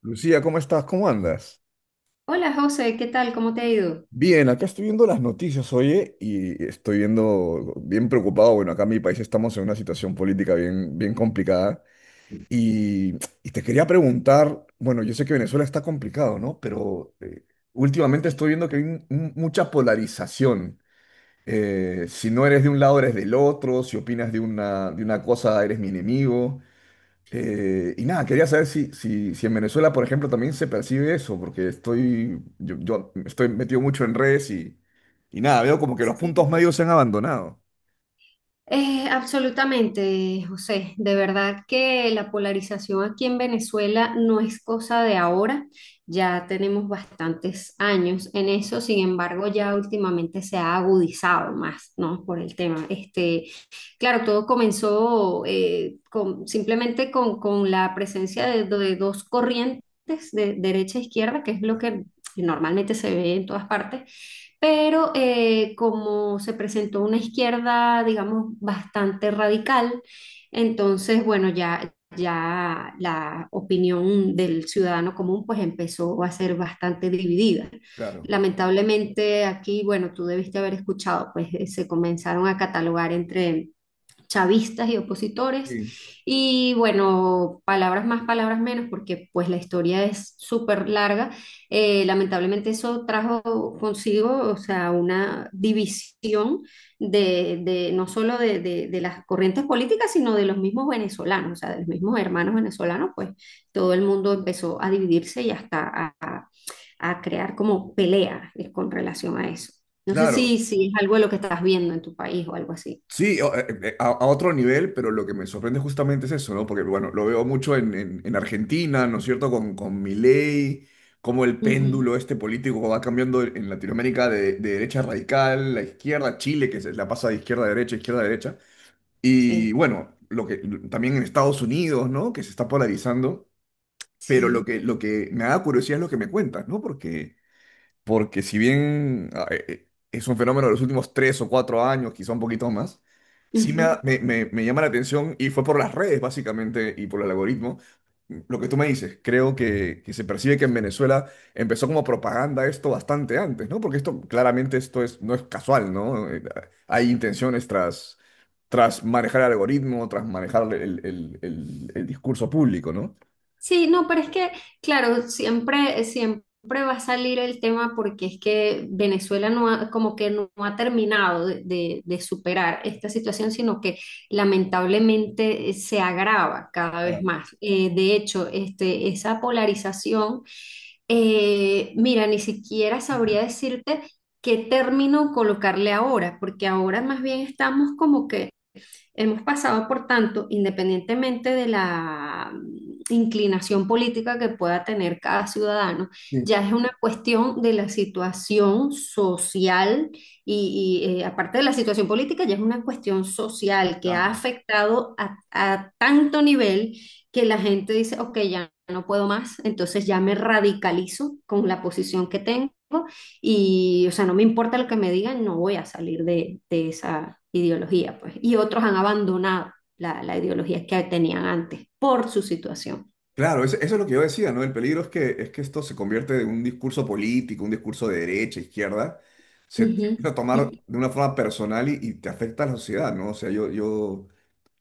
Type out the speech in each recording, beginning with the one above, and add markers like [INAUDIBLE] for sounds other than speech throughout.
Lucía, ¿cómo estás? ¿Cómo andas? Hola José, ¿qué tal? ¿Cómo te ha ido? Bien, acá estoy viendo las noticias, oye, y estoy viendo bien preocupado. Bueno, acá en mi país estamos en una situación política bien, bien complicada. Y, y te quería preguntar, bueno, yo sé que Venezuela está complicado, ¿no? Pero últimamente Sí. estoy viendo que hay mucha polarización. Si no eres de un lado, eres del otro. Si opinas de una cosa, eres mi enemigo. Y nada, quería saber si en Venezuela, por ejemplo, también se percibe eso, porque estoy, yo estoy metido mucho en redes y nada, veo como que los puntos Sí. medios se han abandonado. Absolutamente, José. De verdad que la polarización aquí en Venezuela no es cosa de ahora. Ya tenemos bastantes años en eso. Sin embargo, ya últimamente se ha agudizado más, ¿no? Por el tema. Este, claro, todo comenzó con, simplemente con la presencia de dos corrientes de derecha e izquierda, que es lo que normalmente se ve en todas partes. Pero como se presentó una izquierda, digamos, bastante radical, entonces, bueno, ya la opinión del ciudadano común pues empezó a ser bastante dividida. Claro. Lamentablemente aquí, bueno, tú debiste haber escuchado, pues se comenzaron a catalogar entre chavistas y opositores. Sí. Y bueno, palabras más, palabras menos, porque pues la historia es súper larga. Lamentablemente eso trajo consigo, o sea, una división no solo de, de las corrientes políticas, sino de los mismos venezolanos, o sea, de los mismos hermanos venezolanos, pues todo el mundo empezó a dividirse y hasta a crear como pelea con relación a eso. No sé Claro, si, si es algo de lo que estás viendo en tu país o algo así. sí, a otro nivel, pero lo que me sorprende justamente es eso, ¿no? Porque, bueno, lo veo mucho en, en Argentina, ¿no es cierto? Con Milei, cómo el Ujú. péndulo este político va cambiando en Latinoamérica de derecha radical a izquierda, Chile, que se la pasa de izquierda a derecha, izquierda a derecha. Y Sí. bueno, lo que también en Estados Unidos, ¿no? Que se está polarizando, pero Sí. Lo que me da curiosidad es lo que me cuentas, ¿no? Porque si bien es un fenómeno de los últimos tres o cuatro años, quizá un poquito más, sí me, Ujú. ha- me- me llama la atención y fue por las redes básicamente y por el algoritmo. Lo que tú me dices, creo que se percibe que en Venezuela empezó como propaganda esto bastante antes, ¿no? Porque esto claramente no es casual, ¿no? Hay intenciones tras, tras manejar el algoritmo, tras manejar el discurso público, ¿no? Sí, no, pero es que, claro, siempre va a salir el tema porque es que Venezuela no ha, como que no ha terminado de, de superar esta situación, sino que lamentablemente se agrava cada vez Claro, más. De hecho, este, esa polarización, mira, ni siquiera sabría decirte qué término colocarle ahora, porque ahora más bien estamos como que hemos pasado, por tanto, independientemente de la inclinación política que pueda tener cada ciudadano, sí. ya es una cuestión de la situación social y aparte de la situación política, ya es una cuestión social que ha Claro. afectado a tanto nivel que la gente dice, ok, ya no puedo más, entonces ya me radicalizo con la posición que tengo y, o sea, no me importa lo que me digan, no voy a salir de esa ideología, pues. Y otros han abandonado la, la ideología que tenían antes por su situación. Claro, eso es lo que yo decía, ¿no? El peligro es es que esto se convierte en un discurso político, un discurso de derecha, izquierda, se Ujú. empieza a tomar de una forma personal y te afecta a la sociedad, ¿no? O sea,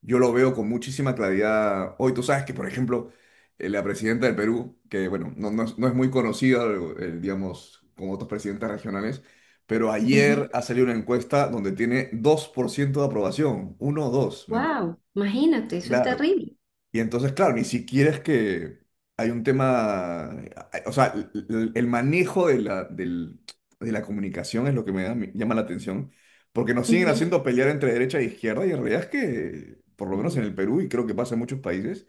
yo lo veo con muchísima claridad hoy. Tú sabes que, por ejemplo, la presidenta del Perú, que, bueno, no es muy conocida, digamos, como otros presidentes regionales, pero ayer Ujú. ha salido una encuesta donde tiene 2% de aprobación, uno o 2. ¿Me entiendes? Wow, imagínate, eso es Claro. terrible. Y entonces, claro, ni siquiera es que hay un tema, o sea, el manejo de de la comunicación es lo que me llama la atención, porque nos siguen Ujú, haciendo pelear entre derecha e izquierda y en realidad es que, por lo menos ujú. en el Perú y creo que pasa en muchos países,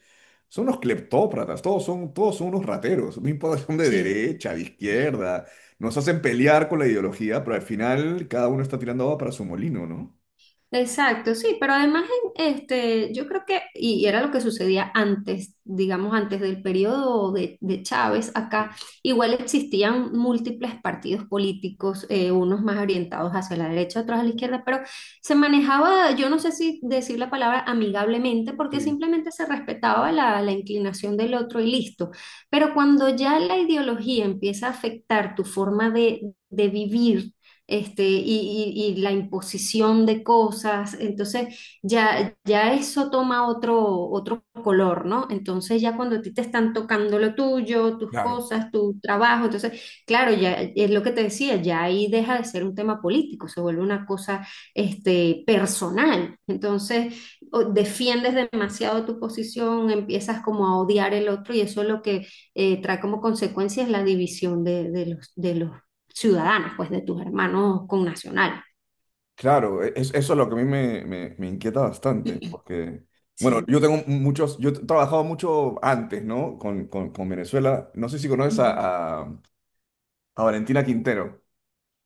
son unos cleptócratas, todos son unos rateros, no importa si son de Sí. derecha, de izquierda, nos hacen pelear con la ideología, pero al final cada uno está tirando agua para su molino, ¿no? Exacto, sí, pero además este, yo creo que, y era lo que sucedía antes, digamos, antes del periodo de Chávez acá, Sí, igual existían múltiples partidos políticos, unos más orientados hacia la derecha, otros a la izquierda, pero se manejaba, yo no sé si decir la palabra amigablemente, porque sí, simplemente se respetaba la, la inclinación del otro y listo. Pero cuando ya la ideología empieza a afectar tu forma de vivir este, y la imposición de cosas. Entonces, ya eso toma otro, otro color, ¿no? Entonces, ya cuando a ti te están tocando lo tuyo, tus claro. cosas, tu trabajo, entonces, claro, ya es lo que te decía, ya ahí deja de ser un tema político, se vuelve una cosa, este, personal. Entonces, defiendes demasiado tu posición, empiezas como a odiar el otro y eso es lo que trae como consecuencia es la división de, de los ciudadanos, pues de tus hermanos connacionales. Claro, eso es lo que a mí me inquieta bastante, porque, bueno, Sí. Yo he trabajado mucho antes, ¿no? Con, con Venezuela. No sé si conoces Ujú. A Valentina Quintero.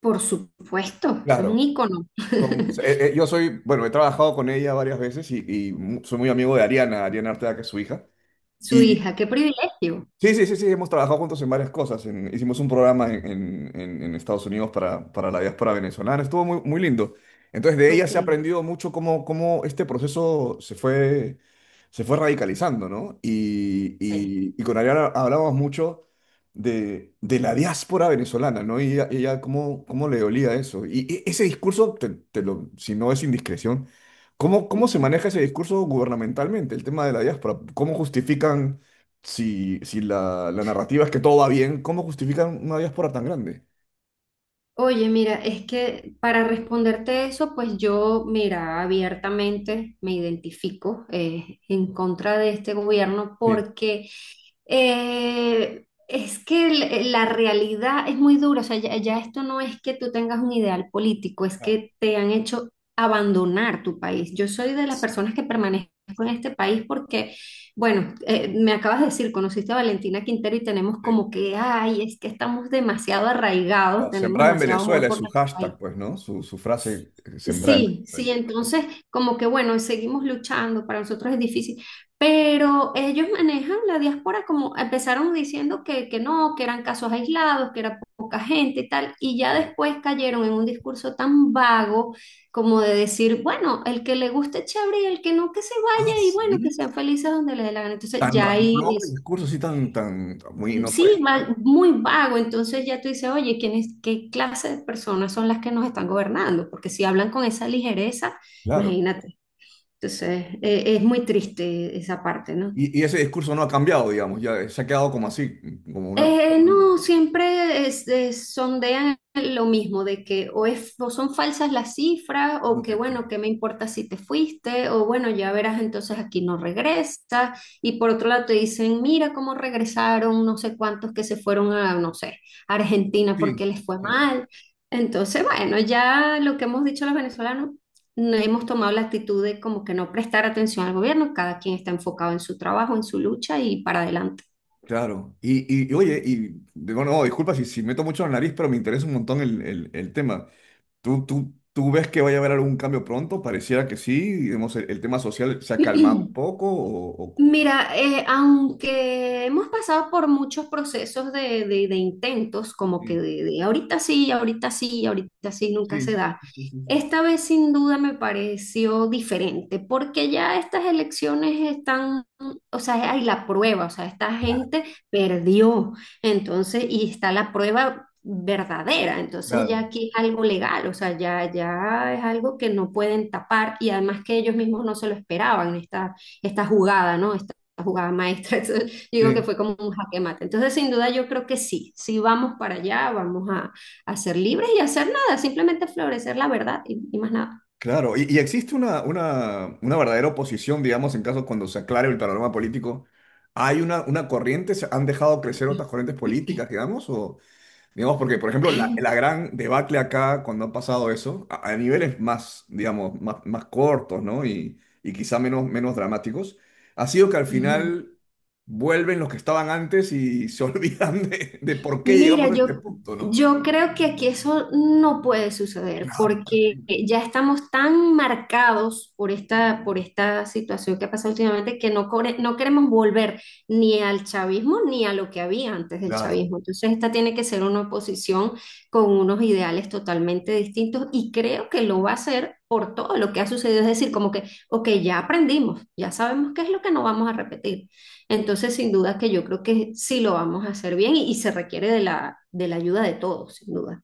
Por supuesto, eso es un Claro, ícono. [LAUGHS] Yo soy, bueno, he trabajado con ella varias veces y, soy muy amigo de Ariana, Ariana Arteaga, que es su hija. Su hija, qué privilegio. Sí, sí, sí, sí, hemos trabajado juntos en varias cosas. Hicimos un programa en, en Estados Unidos para la diáspora venezolana. Estuvo muy, muy lindo. Entonces, de ella se ha Ok. aprendido mucho cómo, cómo este proceso se fue radicalizando, ¿no? Sí. Y con Ariana hablábamos mucho de la diáspora venezolana, ¿no? Y ella cómo, cómo le dolía eso. Y, ese discurso, si no es indiscreción, ¿cómo, cómo se Ujú. maneja ese discurso gubernamentalmente, el tema de la diáspora? ¿Cómo justifican? Si, si la, la narrativa es que todo va bien, ¿cómo justifican una diáspora tan grande? Oye, mira, es que para responderte eso, pues yo, mira, abiertamente me identifico en contra de este gobierno Sí, porque la realidad es muy dura. O sea, ya esto no es que tú tengas un ideal político, es claro, que te han hecho abandonar tu país. Yo soy de las personas que permanezco en este país porque bueno, me acabas de decir, conociste a Valentina Quintero y tenemos sí. como que, ay, es que estamos demasiado No, arraigados, tenemos sembrar en demasiado Venezuela amor es por su nuestro país. hashtag, pues, ¿no? Su frase, sembrar en Sí, Venezuela. sí, Sí, entonces como que bueno, seguimos luchando, para nosotros es difícil, pero ellos manejan la diáspora como empezaron diciendo que no, que eran casos aislados, que era poca gente y tal, y ya sí. después cayeron en un discurso tan vago como de decir, bueno, el que le guste chévere y el que no, que se Ah, vaya y bueno, que sí. sean felices donde le dé la gana. Entonces Tan ya ahí ramplón el es, discurso, sí, muy, no sí, puede ser, muy vago, entonces ya tú dices, oye, ¿qué clase de personas son las que nos están gobernando? Porque si hablan con esa ligereza, claro. imagínate. Entonces, es muy triste esa parte, ¿no? Y ese discurso no ha cambiado, digamos, ya se ha quedado como así, como una cuestión. No, siempre sondean lo mismo, de que o, o son falsas las cifras, No o que te creo. bueno, ¿qué me importa si te fuiste? O bueno, ya verás, entonces aquí no regresa. Y por otro lado te dicen, mira cómo regresaron, no sé cuántos que se fueron a, no sé, Argentina porque Sí, les fue sí, sí. mal. Entonces, bueno, ya lo que hemos dicho los venezolanos, no hemos tomado la actitud de como que no prestar atención al gobierno, cada quien está enfocado en su trabajo, en su lucha y para adelante. Claro. Y oye, bueno, no, disculpa si, si meto mucho la nariz, pero me interesa un montón el, el tema. Tú ves que vaya a haber algún cambio pronto? Pareciera que sí. Digamos, el tema social se ha calmado un [CLEARS THROAT] poco. O, o... Mira, aunque hemos pasado por muchos procesos de, de intentos, como Sí, que de ahorita sí, ahorita sí, ahorita sí, nunca se sí, da. sí, sí, sí. Esta vez sin duda me pareció diferente, porque ya estas elecciones están, o sea, hay la prueba, o sea, esta Claro, gente perdió, entonces, y está la prueba verdadera, entonces ya claro, aquí es algo legal, o sea, ya es algo que no pueden tapar y además que ellos mismos no se lo esperaban, esta jugada, ¿no? Esta jugada maestra. [LAUGHS] Entonces, digo que sí, fue como un jaque mate. Entonces, sin duda, yo creo que sí, sí vamos para allá, vamos a ser libres y a hacer nada, simplemente florecer la verdad y más nada. claro. Y existe una verdadera oposición, digamos, en caso cuando se aclare el panorama político. ¿Hay una corriente? ¿Se han dejado crecer otras corrientes políticas, digamos? O, digamos, porque, por ejemplo, la [LAUGHS] gran debacle acá, cuando ha pasado eso, a niveles más, más, más cortos, ¿no? Y quizá menos, menos dramáticos, ha sido que al Ujú. final vuelven los que estaban antes y se [LAUGHS] olvidan de por qué llegamos Mira, a este punto, ¿no? yo creo que aquí eso no puede suceder Claro, porque ya estamos tan marcados por esta situación que ha pasado últimamente que no, no queremos volver ni al chavismo ni a lo que había antes del claro, chavismo. Entonces, esta tiene que ser una oposición con unos ideales totalmente distintos y creo que lo va a hacer por todo lo que ha sucedido. Es decir, como que, ok, ya aprendimos, ya sabemos qué es lo que no vamos a repetir. Entonces, sin duda que yo creo que sí lo vamos a hacer bien y se requiere de la ayuda de todos, sin duda.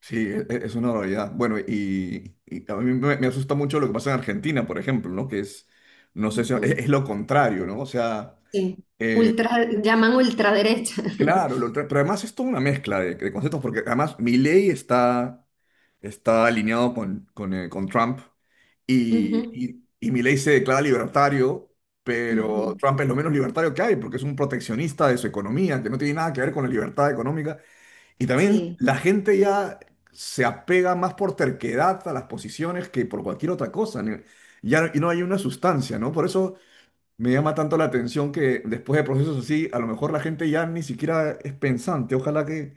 sí, es una barbaridad. Bueno, y a mí me asusta mucho lo que pasa en Argentina, por ejemplo, ¿no? Que es, no sé si Ujú. es lo contrario, ¿no? O sea... Sí. Ultra, llaman ultraderecha. Claro, [LAUGHS] pero además es toda una mezcla de conceptos, porque además Milley está, está alineado con Trump Ujú, y Milley se declara libertario, pero ujú. Trump es lo menos libertario que hay, porque es un proteccionista de su economía, que no tiene nada que ver con la libertad económica. Y también Sí, la gente ya se apega más por terquedad a las posiciones que por cualquier otra cosa. Ni... ya, y no hay una sustancia, ¿no? Por eso... Me llama tanto la atención que después de procesos así, a lo mejor la gente ya ni siquiera es pensante.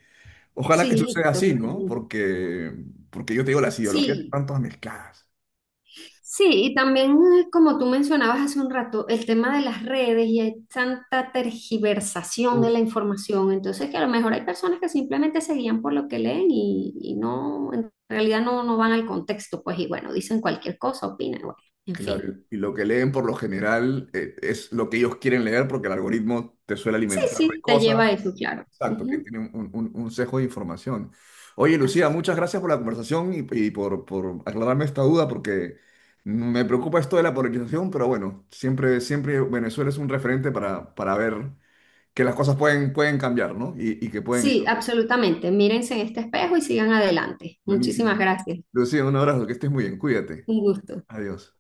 Ojalá que sí, suceda así, ¿no? totalmente. Porque, porque yo te digo, las ideologías Sí. están todas mezcladas. Sí, y también como tú mencionabas hace un rato, el tema de las redes y hay tanta tergiversación de Uf, la información, entonces que a lo mejor hay personas que simplemente se guían por lo que leen y no, en realidad no, no van al contexto, pues y bueno, dicen cualquier cosa, opinan, bueno, en fin. claro, y lo que leen por lo general es lo que ellos quieren leer porque el algoritmo te suele Sí, alimentar de sí, te lleva a cosas. eso, claro. Exacto, que Ujú, tiene un sesgo de información. Oye, Lucía, así. muchas gracias por la conversación y por aclararme esta duda, porque me preocupa esto de la polarización, pero bueno, siempre, siempre Venezuela es un referente para ver que las cosas pueden, pueden cambiar, ¿no? Y que pueden Sí, estar absolutamente. Mírense en este espejo y sigan adelante. Muchísimas buenísimo. gracias. Lucía, un abrazo, que estés muy bien, cuídate. Un gusto. Adiós.